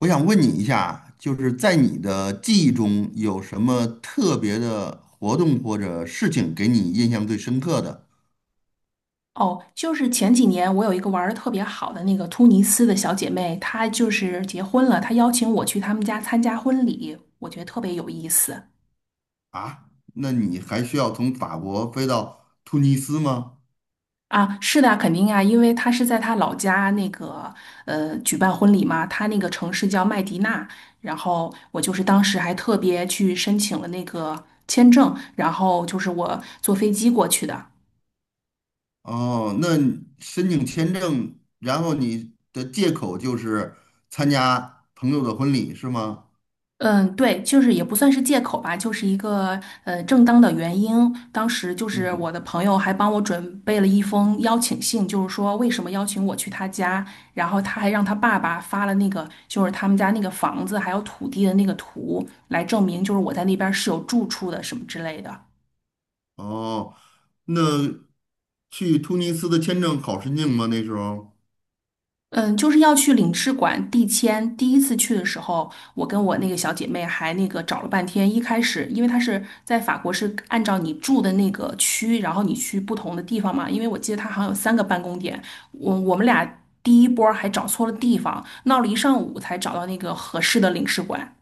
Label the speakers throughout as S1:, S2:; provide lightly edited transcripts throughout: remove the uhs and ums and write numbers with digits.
S1: 我想问你一下，就是在你的记忆中有什么特别的活动或者事情给你印象最深刻的
S2: 哦，就是前几年我有一个玩的特别好的那个突尼斯的小姐妹，她就是结婚了，她邀请我去他们家参加婚礼，我觉得特别有意思
S1: 啊？那你还需要从法国飞到突尼斯吗？
S2: 啊。是的，肯定啊，因为她是在她老家那个举办婚礼嘛，她那个城市叫麦迪娜，然后我就是当时还特别去申请了那个签证，然后就是我坐飞机过去的。
S1: 哦，那你申请签证，然后你的借口就是参加朋友的婚礼是吗？
S2: 嗯，对，就是也不算是借口吧，就是一个正当的原因。当时就是我的
S1: 嗯，
S2: 朋友还帮我准备了一封邀请信，就是说为什么邀请我去他家，然后他还让他爸爸发了那个就是他们家那个房子还有土地的那个图，来证明就是我在那边是有住处的什么之类的。
S1: 哦，那去突尼斯的签证好申请吗？那时候？
S2: 嗯，就是要去领事馆递签。第一次去的时候，我跟我那个小姐妹还那个找了半天。一开始，因为她是在法国，是按照你住的那个区，然后你去不同的地方嘛。因为我记得她好像有3个办公点，我们俩第一波儿还找错了地方，闹了一上午才找到那个合适的领事馆。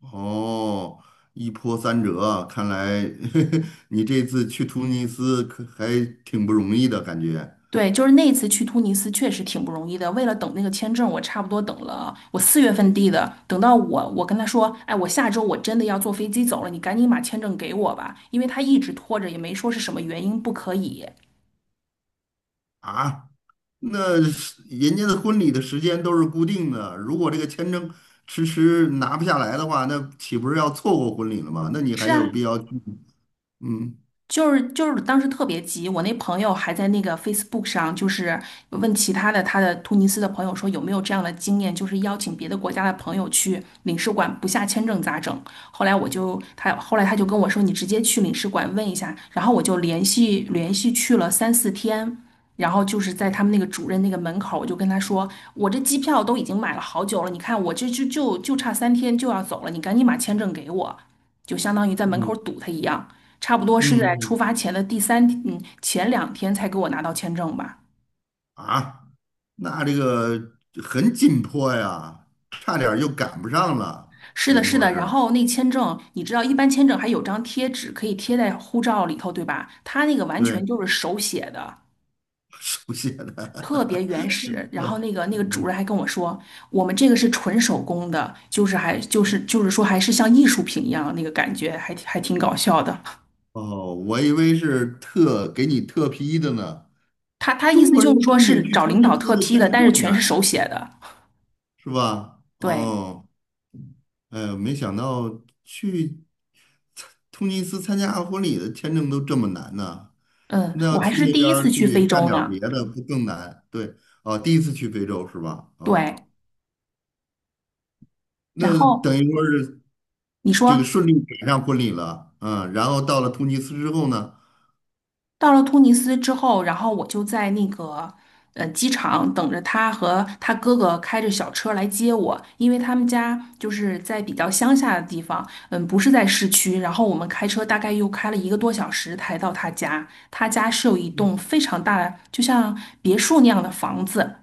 S1: 哦，一波三折啊看来 你这次去突尼斯可还挺不容易的感觉
S2: 对，就是那一次去突尼斯确实挺不容易的。为了等那个签证，我差不多等了，我4月份递的，等到我跟他说，哎，我下周我真的要坐飞机走了，你赶紧把签证给我吧，因为他一直拖着，也没说是什么原因不可以。
S1: 啊。那是人家的婚礼的时间都是固定的，如果这个签证迟迟拿不下来的话，那岂不是要错过婚礼了吗？那你还
S2: 是
S1: 有
S2: 啊，
S1: 必要去？嗯
S2: 就是当时特别急，我那朋友还在那个 Facebook 上，就是问其他的他的突尼斯的朋友说有没有这样的经验，就是邀请别的国家的朋友去领事馆不下签证咋整？后来我就他后来他就跟我说你直接去领事馆问一下，然后我就连续去了3、4天。然后就是在他们那个主任那个门口，我就跟他说："我这机票都已经买了好久了，你看我这就差三天就要走了，你赶紧把签证给我。"就相当于在门口
S1: 嗯
S2: 堵他一样。差不多是
S1: 嗯
S2: 在出
S1: 嗯
S2: 发前的第三天前2天才给我拿到签证吧。
S1: 啊，那这个很紧迫呀，差点儿就赶不上了，
S2: 是
S1: 等
S2: 的，
S1: 于
S2: 是
S1: 说
S2: 的。然
S1: 是
S2: 后那签证，你知道，一般签证还有张贴纸可以贴在护照里头，对吧？他那个完全
S1: 对
S2: 就是手写的，
S1: 手写
S2: 特别
S1: 的。
S2: 原始。然后那个主任还跟我说，我们这个是纯手工的，就是说还是像艺术品一样，那个感觉还挺搞笑的。
S1: 哦，我以为是特给你特批的呢。
S2: 他意
S1: 中
S2: 思
S1: 国
S2: 就是
S1: 人
S2: 说
S1: 申请
S2: 是
S1: 去
S2: 找
S1: 突
S2: 领
S1: 尼
S2: 导
S1: 斯
S2: 特
S1: 的
S2: 批
S1: 签
S2: 的，
S1: 证
S2: 但
S1: 这
S2: 是
S1: 么
S2: 全是
S1: 难，
S2: 手写的。
S1: 是吧？
S2: 对，
S1: 哦，哎呦没想到去突尼斯参加婚礼的签证都这么难呢。
S2: 嗯，
S1: 那要
S2: 我还
S1: 去
S2: 是
S1: 那
S2: 第
S1: 边
S2: 一
S1: 儿
S2: 次去
S1: 去
S2: 非
S1: 干
S2: 洲
S1: 点儿别
S2: 呢。
S1: 的，不更难？对，啊，第一次去非洲是吧？
S2: 对。
S1: 嗯，
S2: 然
S1: 那等
S2: 后
S1: 于说是
S2: 你
S1: 这个
S2: 说
S1: 顺利赶上婚礼了，嗯，然后到了突尼斯之后呢，
S2: 到了突尼斯之后，然后我就在那个机场等着他和他哥哥开着小车来接我，因为他们家就是在比较乡下的地方，嗯，不是在市区。然后我们开车大概又开了一个多小时才到他家。他家是有一栋非常大的，就像别墅那样的房子，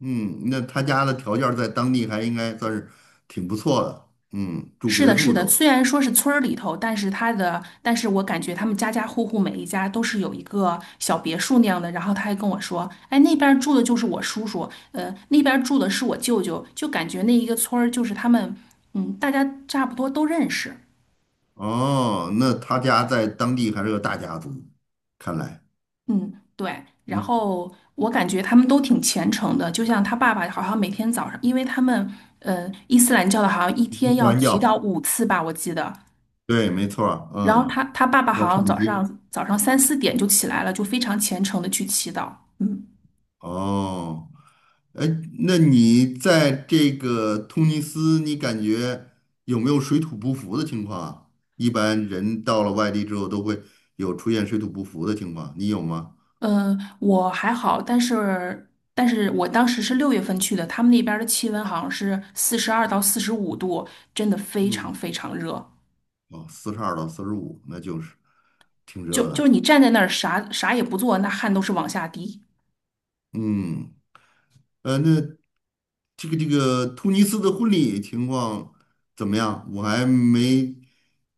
S1: 嗯，那他家的条件在当地还应该算是挺不错的，嗯，住
S2: 是
S1: 别
S2: 的，是
S1: 墅
S2: 的，
S1: 都。
S2: 虽然说是村儿里头，但是他的，但是我感觉他们家家户户每一家都是有一个小别墅那样的。然后他还跟我说，哎，那边儿住的就是我叔叔，那边儿住的是我舅舅，就感觉那一个村儿就是他们，嗯，大家差不多都认识，
S1: 哦，那他家在当地还是个大家族，看来，
S2: 嗯，对。然
S1: 嗯，
S2: 后我感觉他们都挺虔诚的，就像他爸爸好像每天早上，因为他们，伊斯兰教的好像一天
S1: 一
S2: 要
S1: 山
S2: 祈
S1: 药，
S2: 祷5次吧，我记得。
S1: 对，没错儿
S2: 然后
S1: 嗯，
S2: 他爸爸
S1: 要
S2: 好
S1: 唱
S2: 像早
S1: 经。
S2: 上早上3、4点就起来了，就非常虔诚的去祈祷。嗯
S1: 哦，哎，那你在这个突尼斯，你感觉有没有水土不服的情况啊？一般人到了外地之后都会有出现水土不服的情况，你有吗？
S2: 嗯，我还好，但是我当时是6月份去的，他们那边儿的气温好像是42到45度，真的非常
S1: 嗯。
S2: 非常热。
S1: 哦，42到45，那就是挺
S2: 就
S1: 热
S2: 就是
S1: 的。
S2: 你站在那儿啥也不做，那汗都是往下滴。
S1: 嗯，那这个突尼斯的婚礼情况怎么样？我还没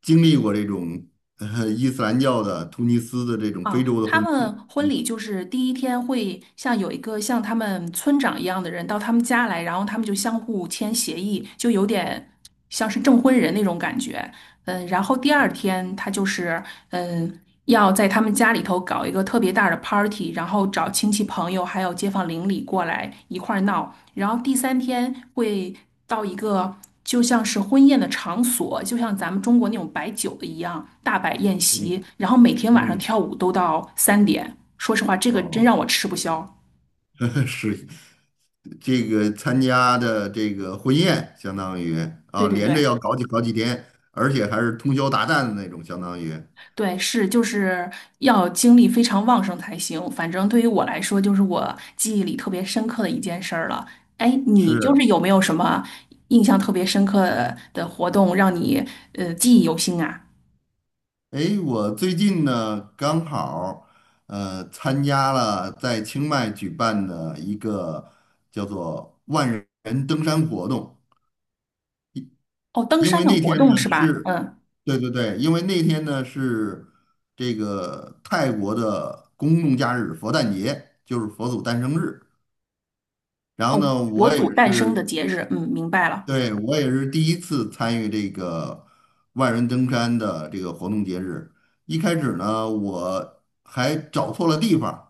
S1: 经历过这种伊斯兰教的突尼斯的这种
S2: 啊，
S1: 非洲的
S2: 他
S1: 婚礼。
S2: 们婚礼就是第1天会像有一个像他们村长一样的人到他们家来，然后他们就相互签协议，就有点像是证婚人那种感觉。嗯，然后第二
S1: 嗯
S2: 天他就是嗯要在他们家里头搞一个特别大的 party,然后找亲戚朋友还有街坊邻里过来一块儿闹。然后第三天会到一个。就像是婚宴的场所，就像咱们中国那种摆酒的一样，大摆宴席，
S1: 嗯
S2: 然后每天晚上
S1: 嗯，
S2: 跳舞都到3点。说实话，这个真
S1: 哦，
S2: 让我吃不消。
S1: 是这个参加的这个婚宴，相当于啊，
S2: 对对
S1: 连着
S2: 对
S1: 要搞几天，而且还是通宵达旦的那种，相当于
S2: 对，是就是要精力非常旺盛才行。反正对于我来说，就是我记忆里特别深刻的一件事儿了。哎，你就是
S1: 是。
S2: 有没有什么印象特别深刻的活动，让你记忆犹新啊？
S1: 诶，我最近呢刚好参加了在清迈举办的一个叫做万人登山活动，
S2: 哦，登
S1: 因
S2: 山
S1: 为
S2: 的
S1: 那
S2: 活
S1: 天呢
S2: 动是吧？
S1: 是，
S2: 嗯，
S1: 对对对，因为那天呢是这个泰国的公众假日佛诞节，就是佛祖诞生日。然后
S2: 哦，
S1: 呢，
S2: 佛
S1: 我也
S2: 祖诞生
S1: 是
S2: 的节日，嗯，明白了。
S1: 对，我也是第一次参与这个万人登山的这个活动节日。一开始呢，我还找错了地方，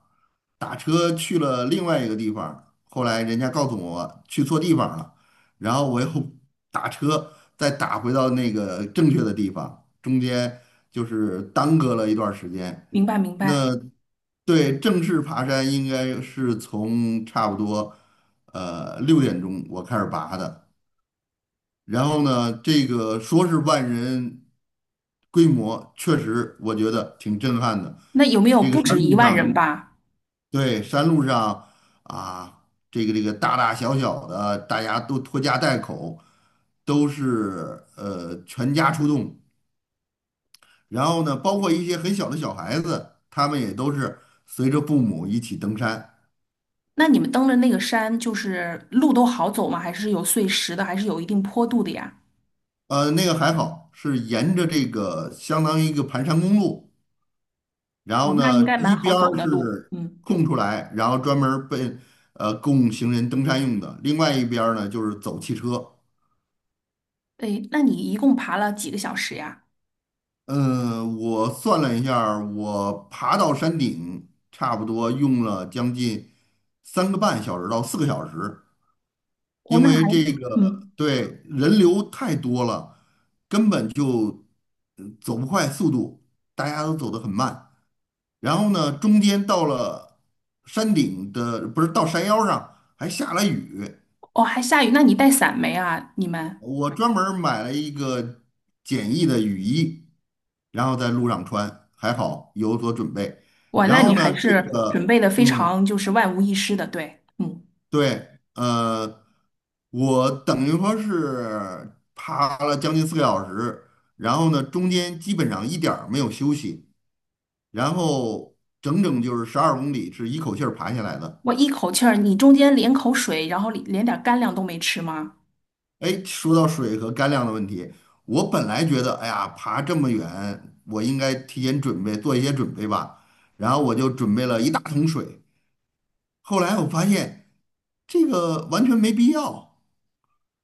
S1: 打车去了另外一个地方。后来人家告诉我去错地方了，然后我又 打车再打回到那个正确的地方，中间就是耽搁了一段儿时间。
S2: 明白明
S1: 那
S2: 白。
S1: 对，正式爬山应该是从差不多6点钟我开始爬的。然后呢，这个说是万人规模，确实我觉得挺震撼的。
S2: 那有没有
S1: 这个
S2: 不
S1: 山
S2: 止一
S1: 路
S2: 万人
S1: 上，
S2: 吧？
S1: 对，山路上啊，这个大大小小的，大家都拖家带口，都是全家出动。然后呢，包括一些很小的小孩子，他们也都是随着父母一起登山。
S2: 那你们登的那个山，就是路都好走吗？还是有碎石的，还是有一定坡度的呀？
S1: 那个还好，是沿着这个相当于一个盘山公路。然
S2: 哦，
S1: 后
S2: 那应
S1: 呢，
S2: 该蛮
S1: 一
S2: 好
S1: 边
S2: 走
S1: 儿
S2: 的路。
S1: 是
S2: 嗯，
S1: 空出来，然后专门儿被供行人登山用的，另外一边儿呢就是走汽车。
S2: 对，那你一共爬了几个小时呀？
S1: 嗯，我算了一下儿我爬到山顶差不多用了将近3个半小时到四个小时，
S2: 哦，
S1: 因
S2: 那还，
S1: 为这个
S2: 嗯，
S1: 对人流太多了，根本就走不快速度，大家都走得很慢。然后呢，中间到了山顶的，不是到山腰上还下了雨，
S2: 哦，还下雨，那你带伞没啊？你们，
S1: 我专门儿买了一个简易的雨衣，然后在路上穿，还好有所准备。
S2: 哇，
S1: 然
S2: 那你
S1: 后
S2: 还
S1: 呢，这
S2: 是准
S1: 个，
S2: 备的非常就是万无一失的，对，嗯，
S1: 对，我等于说是爬了将近四个小时，然后呢，中间基本上一点儿没有休息，然后整整就是12公里是一口气儿爬下来的。
S2: 我一口气儿，你中间连口水，然后连点儿干粮都没吃吗？
S1: 哎，说到水和干粮的问题，我本来觉得，哎呀，爬这么远，我应该提前准备，做一些准备吧。然后我就准备了一大桶水。后来我发现这个完全没必要。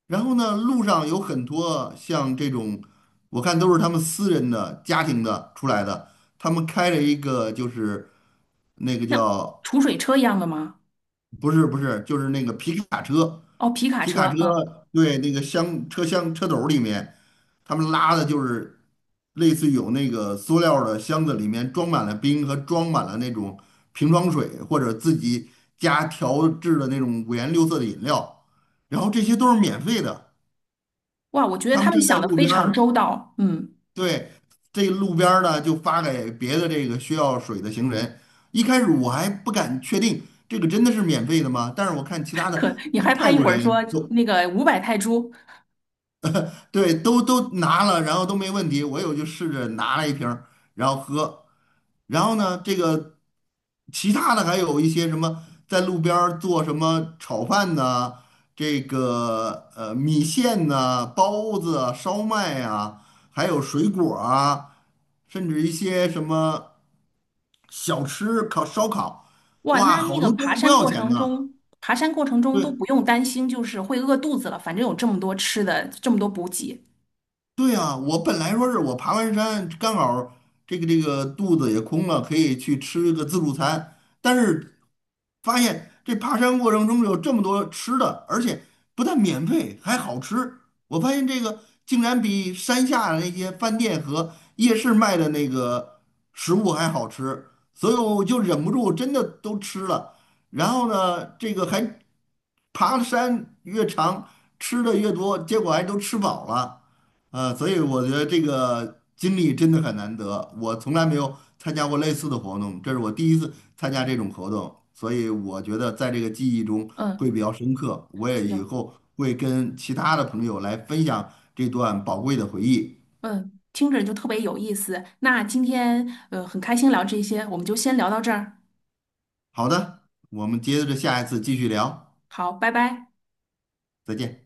S1: 然后呢，路上有很多像这种，我看都是他们私人的、家庭的出来的，他们开了一个就是那个
S2: 那
S1: 叫
S2: 储水车一样的吗？
S1: 不是不是，就是那个皮卡车，
S2: 哦，皮卡
S1: 皮卡车
S2: 车，嗯。
S1: 对那个箱车厢车斗里面，他们拉的就是类似有那个塑料的箱子，里面装满了冰和装满了那种瓶装水，或者自己家调制的那种五颜六色的饮料，然后这些都是免费的。
S2: 哇，我觉得
S1: 他
S2: 他
S1: 们
S2: 们
S1: 站在
S2: 想的
S1: 路
S2: 非
S1: 边
S2: 常
S1: 儿
S2: 周到。嗯，
S1: 对，这路边儿呢就发给别的这个需要水的行人。一开始我还不敢确定这个真的是免费的吗？但是我看其他的，
S2: 可你
S1: 他们
S2: 害怕
S1: 泰
S2: 一
S1: 国
S2: 会儿说
S1: 人都
S2: 那个500泰铢，
S1: 对，都拿了，然后都没问题。我有就试着拿了一瓶儿，然后喝。然后呢，这个其他的还有一些什么，在路边儿做什么炒饭呐、这个米线呐、包子啊、烧麦啊，还有水果儿啊，甚至一些什么小吃、烤烧烤，
S2: 哇，
S1: 哇，
S2: 那那
S1: 好
S2: 个
S1: 多都
S2: 爬
S1: 是不
S2: 山
S1: 要
S2: 过
S1: 钱
S2: 程
S1: 的。
S2: 中，爬山过程中都
S1: 对，
S2: 不用担心，就是会饿肚子了，反正有这么多吃的，这么多补给。
S1: 对啊，我本来说是我爬完山，刚好儿这个肚子也空了，可以去吃个自助餐。但是发现这爬山过程中有这么多吃的，而且不但免费，还好吃。我发现这个竟然比山下的那些饭店和夜市卖的那个食物还好吃，所以我就忍不住真的都吃了。然后呢，这个还爬的山越长，吃的越多，结果还都吃饱了。所以我觉得这个经历真的很难得，我从来没有参加过类似的活动，这是我第一次参加这种活动，所以我觉得在这个记忆中
S2: 嗯，
S1: 会比较深刻，我也以
S2: 行，
S1: 后会跟其他的朋友来分享这段宝贵的回忆。
S2: 嗯，听着就特别有意思。那今天很开心聊这些，我们就先聊到这儿。
S1: 好的，我们接着下一次继续聊，
S2: 好，拜拜。
S1: 再见。